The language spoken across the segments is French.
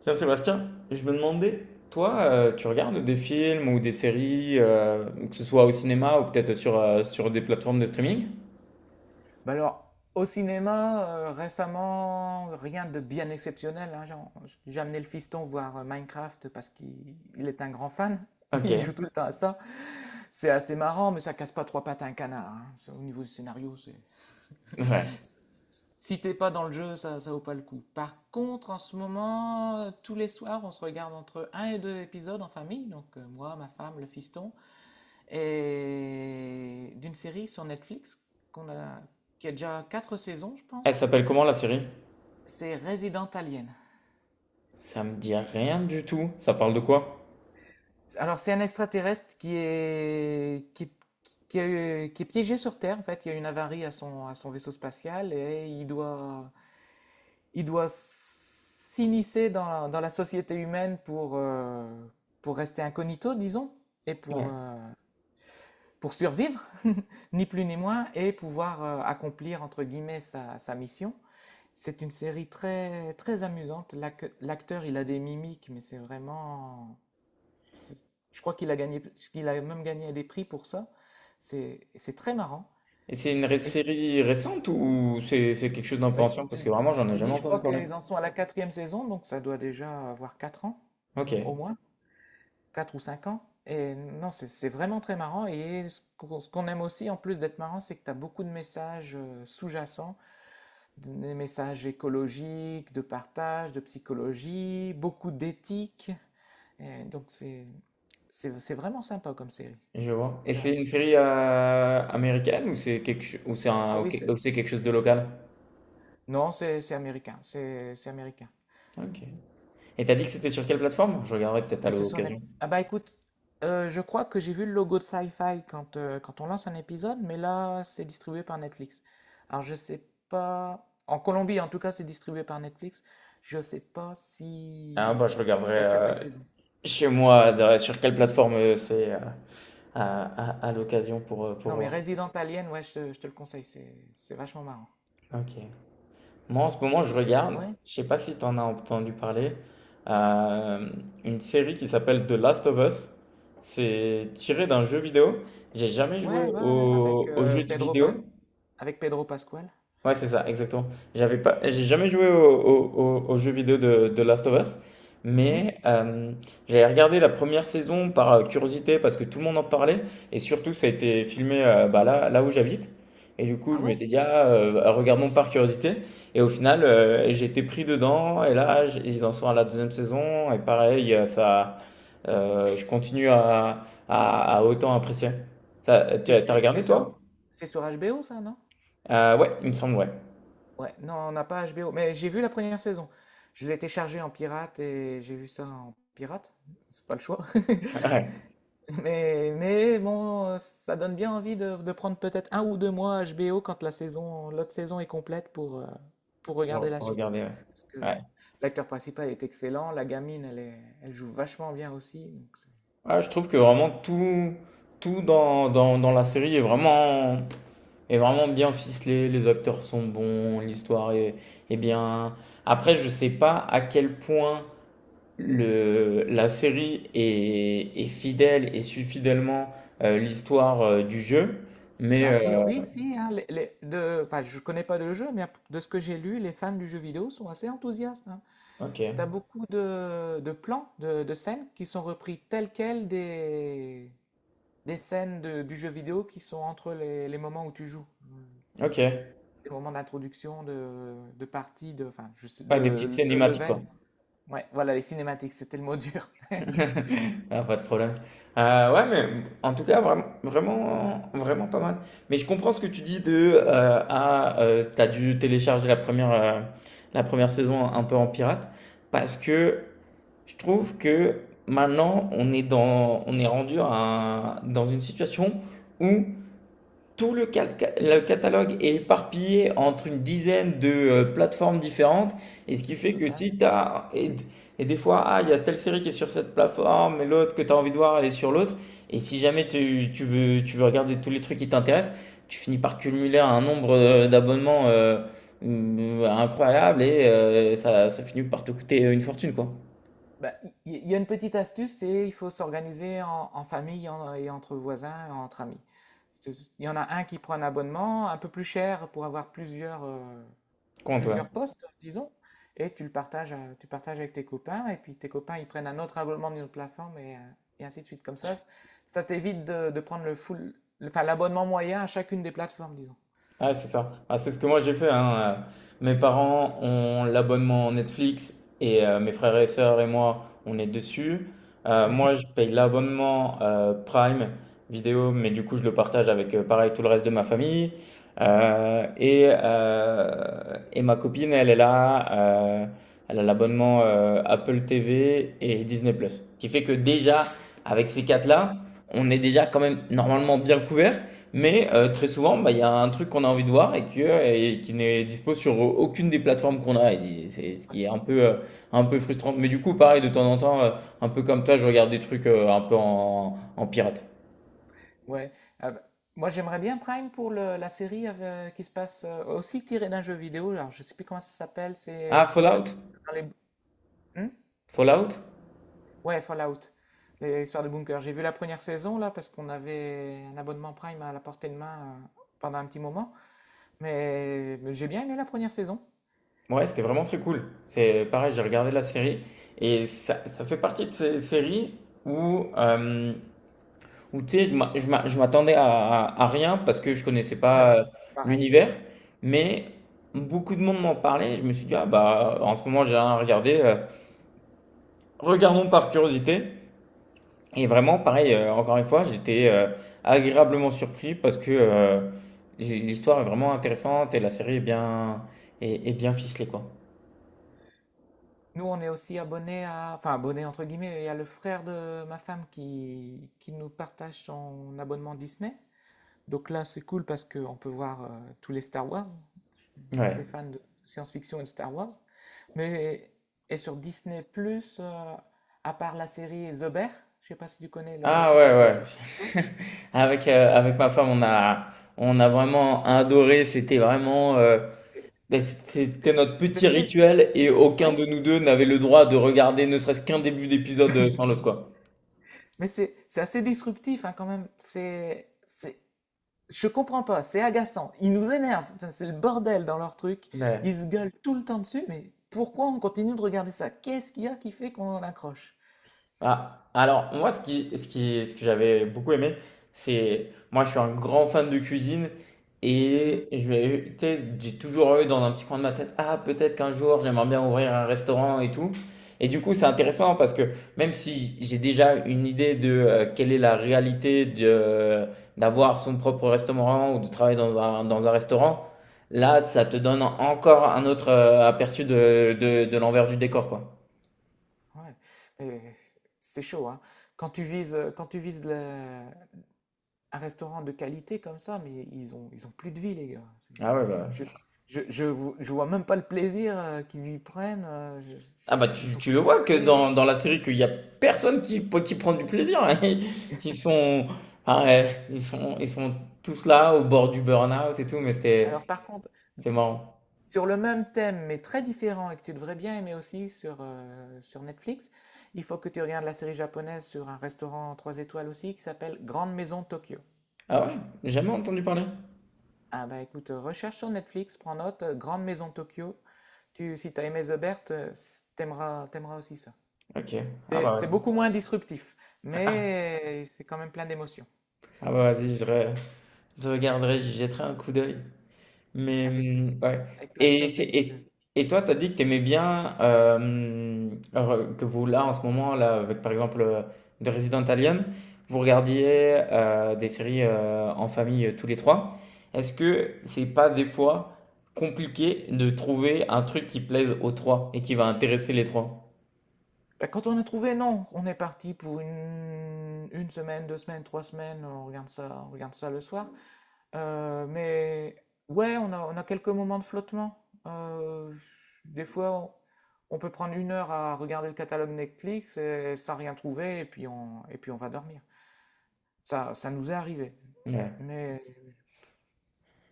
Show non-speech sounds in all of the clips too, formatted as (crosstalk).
Tiens, Sébastien, je me demandais, toi, tu regardes des films ou des séries, que ce soit au cinéma ou peut-être sur, sur des plateformes de streaming? Bah, alors, au cinéma, récemment, rien de bien exceptionnel, hein. J'ai amené le fiston voir, Minecraft parce qu'il il est un grand fan. (laughs) Ok. Il joue tout le temps à ça. C'est assez marrant, mais ça casse pas trois pattes à un canard, hein. C'est au niveau du scénario, c'est Ouais. si t'es pas dans le jeu, ça vaut pas le coup. Par contre, en ce moment, tous les soirs, on se regarde entre un et 2 épisodes en famille, donc moi, ma femme, le fiston et d'une série sur Netflix qu'on a qui a déjà 4 saisons, je Elle pense. s'appelle comment la série? C'est Resident Alien. Ça me dit rien du tout. Ça parle de quoi? Alors, c'est un extraterrestre qui est piégé sur Terre. En fait, il y a une avarie à son vaisseau spatial et il doit s'immiscer dans la société humaine pour rester incognito, disons, et pour, Ouais. euh, pour survivre, (laughs) ni plus ni moins, et pouvoir accomplir, entre guillemets, sa mission. C'est une série très, très amusante. L'acteur, il a des mimiques, mais c'est vraiment. C'est- Je crois qu'il a gagné, qu'il a même gagné des prix pour ça. C'est très marrant. Et c'est une Et c'est- série récente ou c'est quelque chose d'un peu Bah, je ancien? te, Parce que vraiment, j'en je ai te dis, jamais je entendu crois parler. qu'ils en sont à la quatrième saison, donc ça doit déjà avoir 4 ans, Ok, au moins, 4 ou 5 ans. Et non, c'est vraiment très marrant. Et ce qu'on aime aussi, en plus d'être marrant, c'est que tu as beaucoup de messages sous-jacents, des messages écologiques, de partage, de psychologie, beaucoup d'éthique. Et donc c'est vraiment sympa comme série. je vois. Et Euh, c'est une série américaine ou c'est quelque cho- ou c'est Ah un oui, ou c'est quelque chose de local? Non, c'est américain, c'est américain. Ok. Et t'as dit que c'était sur quelle plateforme? Je regarderai peut-être à Ah, c'est sur l'occasion. Netflix. Ah bah écoute, je crois que j'ai vu le logo de Sci-Fi quand, quand on lance un épisode, mais là, c'est distribué par Netflix. Alors je sais pas. En Colombie, en tout cas, c'est distribué par Netflix. Je sais pas si. Ah bah je Il regarderai y a toutes les saisons. chez moi sur quelle plateforme c'est à, à Ouais. l'occasion pour Non, mais voir. Resident Alien, ouais, je te le conseille, c'est vachement marrant. Ok. Moi en ce moment je Et- regarde, Ouais, je sais pas si t'en as entendu parler, euh, une série qui s'appelle The Last of Us. C'est tiré d'un jeu vidéo. J'ai jamais joué ouais, ouais, ouais, avec, au euh, jeu de Pedro Pa- vidéo, avec Pedro Pascal. ouais, c'est ça, exactement. J'ai jamais joué au jeu vidéo de Last of Us, Mhm. mais j'avais regardé la première saison par curiosité parce que tout le monde en parlait et surtout ça a été filmé bah, là, là où j'habite. Et du coup, Ah je ouais? m'étais dit, ah, regardons par curiosité. Et au final, j'ai été pris dedans et là, ils en sont à la deuxième saison et pareil, ça, je continue à autant apprécier. Ça, tu Tu as t'as sais, c'est regardé sur, toi? c'est sur HBO, ça, non? Ouais, il me semble, ouais. (laughs) Ouais, non, on n'a pas HBO, mais j'ai vu la première saison. Je l'ai téléchargé en pirate et j'ai vu ça en pirate. C'est pas le choix. (laughs) Ouais. Mais bon, ça donne bien envie de prendre peut-être un ou deux mois HBO quand l'autre saison est complète pour regarder la Pour suite. regarder, ouais. Parce que Ouais. l'acteur principal est excellent, la gamine, elle joue vachement bien aussi. Donc Ah, je trouve que vraiment tout, tout dans, dans, dans la série est vraiment bien ficelé. Les acteurs sont bons, l'histoire est, est bien. Après, je sais pas à quel point le, la série est, est fidèle et suit fidèlement l'histoire du jeu. Mais, Bah, a priori, si, hein, enfin, je connais pas le jeu, mais de ce que j'ai lu, les fans du jeu vidéo sont assez enthousiastes. Hein. T'as ok, beaucoup de plans, de scènes qui sont repris tels quels des scènes du jeu vidéo qui sont entre les moments où tu joues. ok. Les moments d'introduction, de partie, de, enfin, je sais- Ouais, des petites de cinématiques, level. quoi. Ouais, voilà, les cinématiques, c'était le mot dur. (laughs) (laughs) Ah, pas de problème. Ouais, mais en tout cas, vraiment, vraiment, vraiment pas mal. Mais je comprends ce que tu dis de ah, t'as dû télécharger la première saison un peu en pirate, parce que je trouve que maintenant on est dans, on est rendu à dans une situation où tout le catalogue est éparpillé entre une dizaine de plateformes différentes, et ce qui fait que Total. si tu as... et des fois, ah, il y a telle série qui est sur cette plateforme, et l'autre que tu as envie de voir, elle est sur l'autre, et si jamais tu veux, tu veux regarder tous les trucs qui t'intéressent, tu finis par cumuler un nombre d'abonnements incroyable, et ça, ça finit par te coûter une fortune, quoi. Bah, il y a une petite astuce, c'est il faut s'organiser en famille et entre voisins, et entre amis. C'est- Il y en a un qui prend un abonnement un peu plus cher pour avoir plusieurs, euh, Comment plusieurs postes, disons, et tu partages avec tes copains, et puis tes copains, ils prennent un autre abonnement d'une autre plateforme, et ainsi de suite. Comme ça t'évite de prendre le full, enfin, l'abonnement moyen à chacune des plateformes, disons. ah, c'est ça. Ah, c'est ce que moi j'ai fait, hein. Mes parents ont l'abonnement Netflix et mes frères et sœurs et moi, on est dessus. Moi, je (laughs) paye l'abonnement Prime vidéo, mais du coup, je le partage avec pareil tout le reste de ma famille. Euh, et, euh, et ma copine, elle est là. Elle a l'abonnement Apple TV et Disney+. Qui fait que déjà, avec ces Ouais, quatre-là, on est déjà quand même normalement bien couvert. Mais très souvent, bah, il y a un truc qu'on a envie de voir et qui n'est dispo sur aucune des plateformes qu'on a. Et c'est ce ouais. qui est un peu frustrant. Mais du coup, pareil, de temps en temps, un peu comme toi, je regarde des trucs un peu en, en pirate. Ouais. Ah bah, moi, j'aimerais bien Prime pour la série qui se passe aussi tirée d'un jeu vidéo. Alors, je sais plus comment ça s'appelle. Ah, C'est ça. Fallout? Dans les. Hmm. Fallout? Ouais, Fallout, l'histoire de Bunker. J'ai vu la première saison, là, parce qu'on avait un abonnement Prime à la portée de main pendant un petit moment. Mais j'ai bien aimé la première saison. Ouais, c'était vraiment très cool. C'est pareil, j'ai regardé la série et ça fait partie de ces séries où ou tu sais, je m'attendais à, à rien parce que je connaissais Ouais, pas pareil. l'univers, mais beaucoup de monde m'en parlait. Et je me suis dit, ah bah, en ce moment, j'ai rien à regarder. Regardons par curiosité. Et vraiment, pareil, encore une fois, j'étais agréablement surpris parce que l'histoire est vraiment intéressante et la série est bien, est, est bien ficelée, quoi. Nous, on est aussi abonnés à, enfin, abonnés entre guillemets. Il y a le frère de ma femme qui nous partage son abonnement Disney. Donc là, c'est cool parce qu'on peut voir tous les Star Wars. Assez Ouais. fan de science-fiction et de Star Wars. Mais et sur Disney+, Plus, à part la série The Bear, je sais pas si tu connais le Ah truc ouais, avec le chef ouais. McDo, (laughs) Avec, avec ma femme, on a vraiment adoré. C'était vraiment. C'est Ben, c'était c'est- notre c'est petit spéc- rituel et aucun ouais. de nous deux n'avait le droit de regarder ne serait-ce qu'un début d'épisode sans l'autre, (laughs) quoi. Mais c'est assez disruptif hein, quand même. C'est Je comprends pas, c'est agaçant. Ils nous énervent. Putain, c'est le bordel dans leur truc. Ils Ouais. se gueulent tout le temps dessus, mais pourquoi on continue de regarder ça? Qu'est-ce qu'il y a qui fait qu'on en accroche? Ah, alors moi ce qui, ce qui, ce que j'avais beaucoup aimé, c'est moi je suis un grand fan de cuisine Mhm, et je vais, tu sais, j'ai toujours eu dans un petit coin de ma tête, ah peut-être qu'un jour j'aimerais bien ouvrir un restaurant et tout. Et du coup c'est intéressant parce que même si j'ai déjà une idée de quelle est la réalité de d'avoir son propre restaurant ou de travailler dans un restaurant, là ça te donne encore un autre aperçu de l'envers du décor quoi. ouais. Mais c'est chaud, hein. Quand tu vises un restaurant de qualité comme ça, mais ils ont plus de vie, les gars. Ah ouais, bah. Je, je vois même pas le plaisir qu'ils y prennent. Ah bah Ils tu, sont tu le vois que stressés. dans, dans la série qu'il y a personne qui prend du plaisir. (laughs) Ils sont, ah ouais, ils sont tous là au bord du burn-out et tout, mais c'était, Alors, par contre, c'est marrant. sur le même thème, mais très différent, et que tu devrais bien aimer aussi sur Netflix, il faut que tu regardes la série japonaise sur un restaurant 3 étoiles aussi qui s'appelle Grande Maison Tokyo. Ah ouais, j'ai jamais entendu parler. Ah bah écoute, recherche sur Netflix, prends note, Grande Maison Tokyo. Si t'as aimé The Bert, t'aimeras aussi ça. Ok, ah C'est bah c'est vas-y. beaucoup moins disruptif, (laughs) mais c'est quand même plein d'émotions, Ah bah vas-y, je regarderai, j'y jetterai un coup d'œil. Mais avec, mmh, ouais avec plein de et choses c'est délicieuses. et toi, tu as dit que tu aimais bien, hem, re que vous, là, en ce moment, là, avec, par exemple, The Resident Alien, vous regardiez, des séries, en famille, tous les 3. Est-ce que c'est pas, des fois, compliqué de trouver un truc qui plaise aux 3 et qui va intéresser les 3? Bah, quand on a trouvé, non, on est parti pour une semaine, deux semaines, trois semaines, on regarde ça le soir. Mais ouais, on a quelques moments de flottement. Des fois, on peut prendre une heure à regarder le catalogue Netflix et, sans rien trouver, et puis on va dormir. Ça nous est arrivé. Mais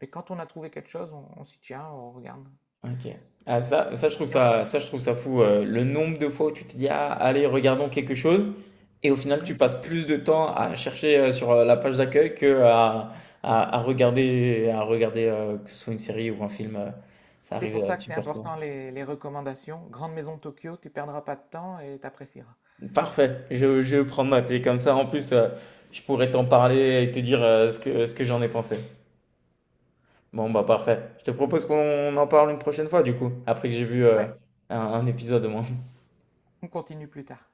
Quand on a trouvé quelque chose, on s'y tient, on regarde. OK. Ah ça ça je trouve Et on- ça, je trouve ça fou, le nombre de fois où tu te dis: «Ah allez regardons quelque chose» et au final Mhm. tu passes plus de temps à chercher, sur, la page d'accueil qu'à à à regarder que ce soit une série ou un film, ça C'est arrive, pour ça que c'est super souvent. important les recommandations. Grande Maison de Tokyo, tu perdras pas de temps et t'apprécieras. Parfait, je prends note et comme ça en plus, je pourrais t'en parler et te dire, ce que j'en ai pensé. Bon bah parfait. Je te propose qu'on en parle une prochaine fois du coup, après que j'ai vu, Ouais, un épisode au moins. on continue plus tard.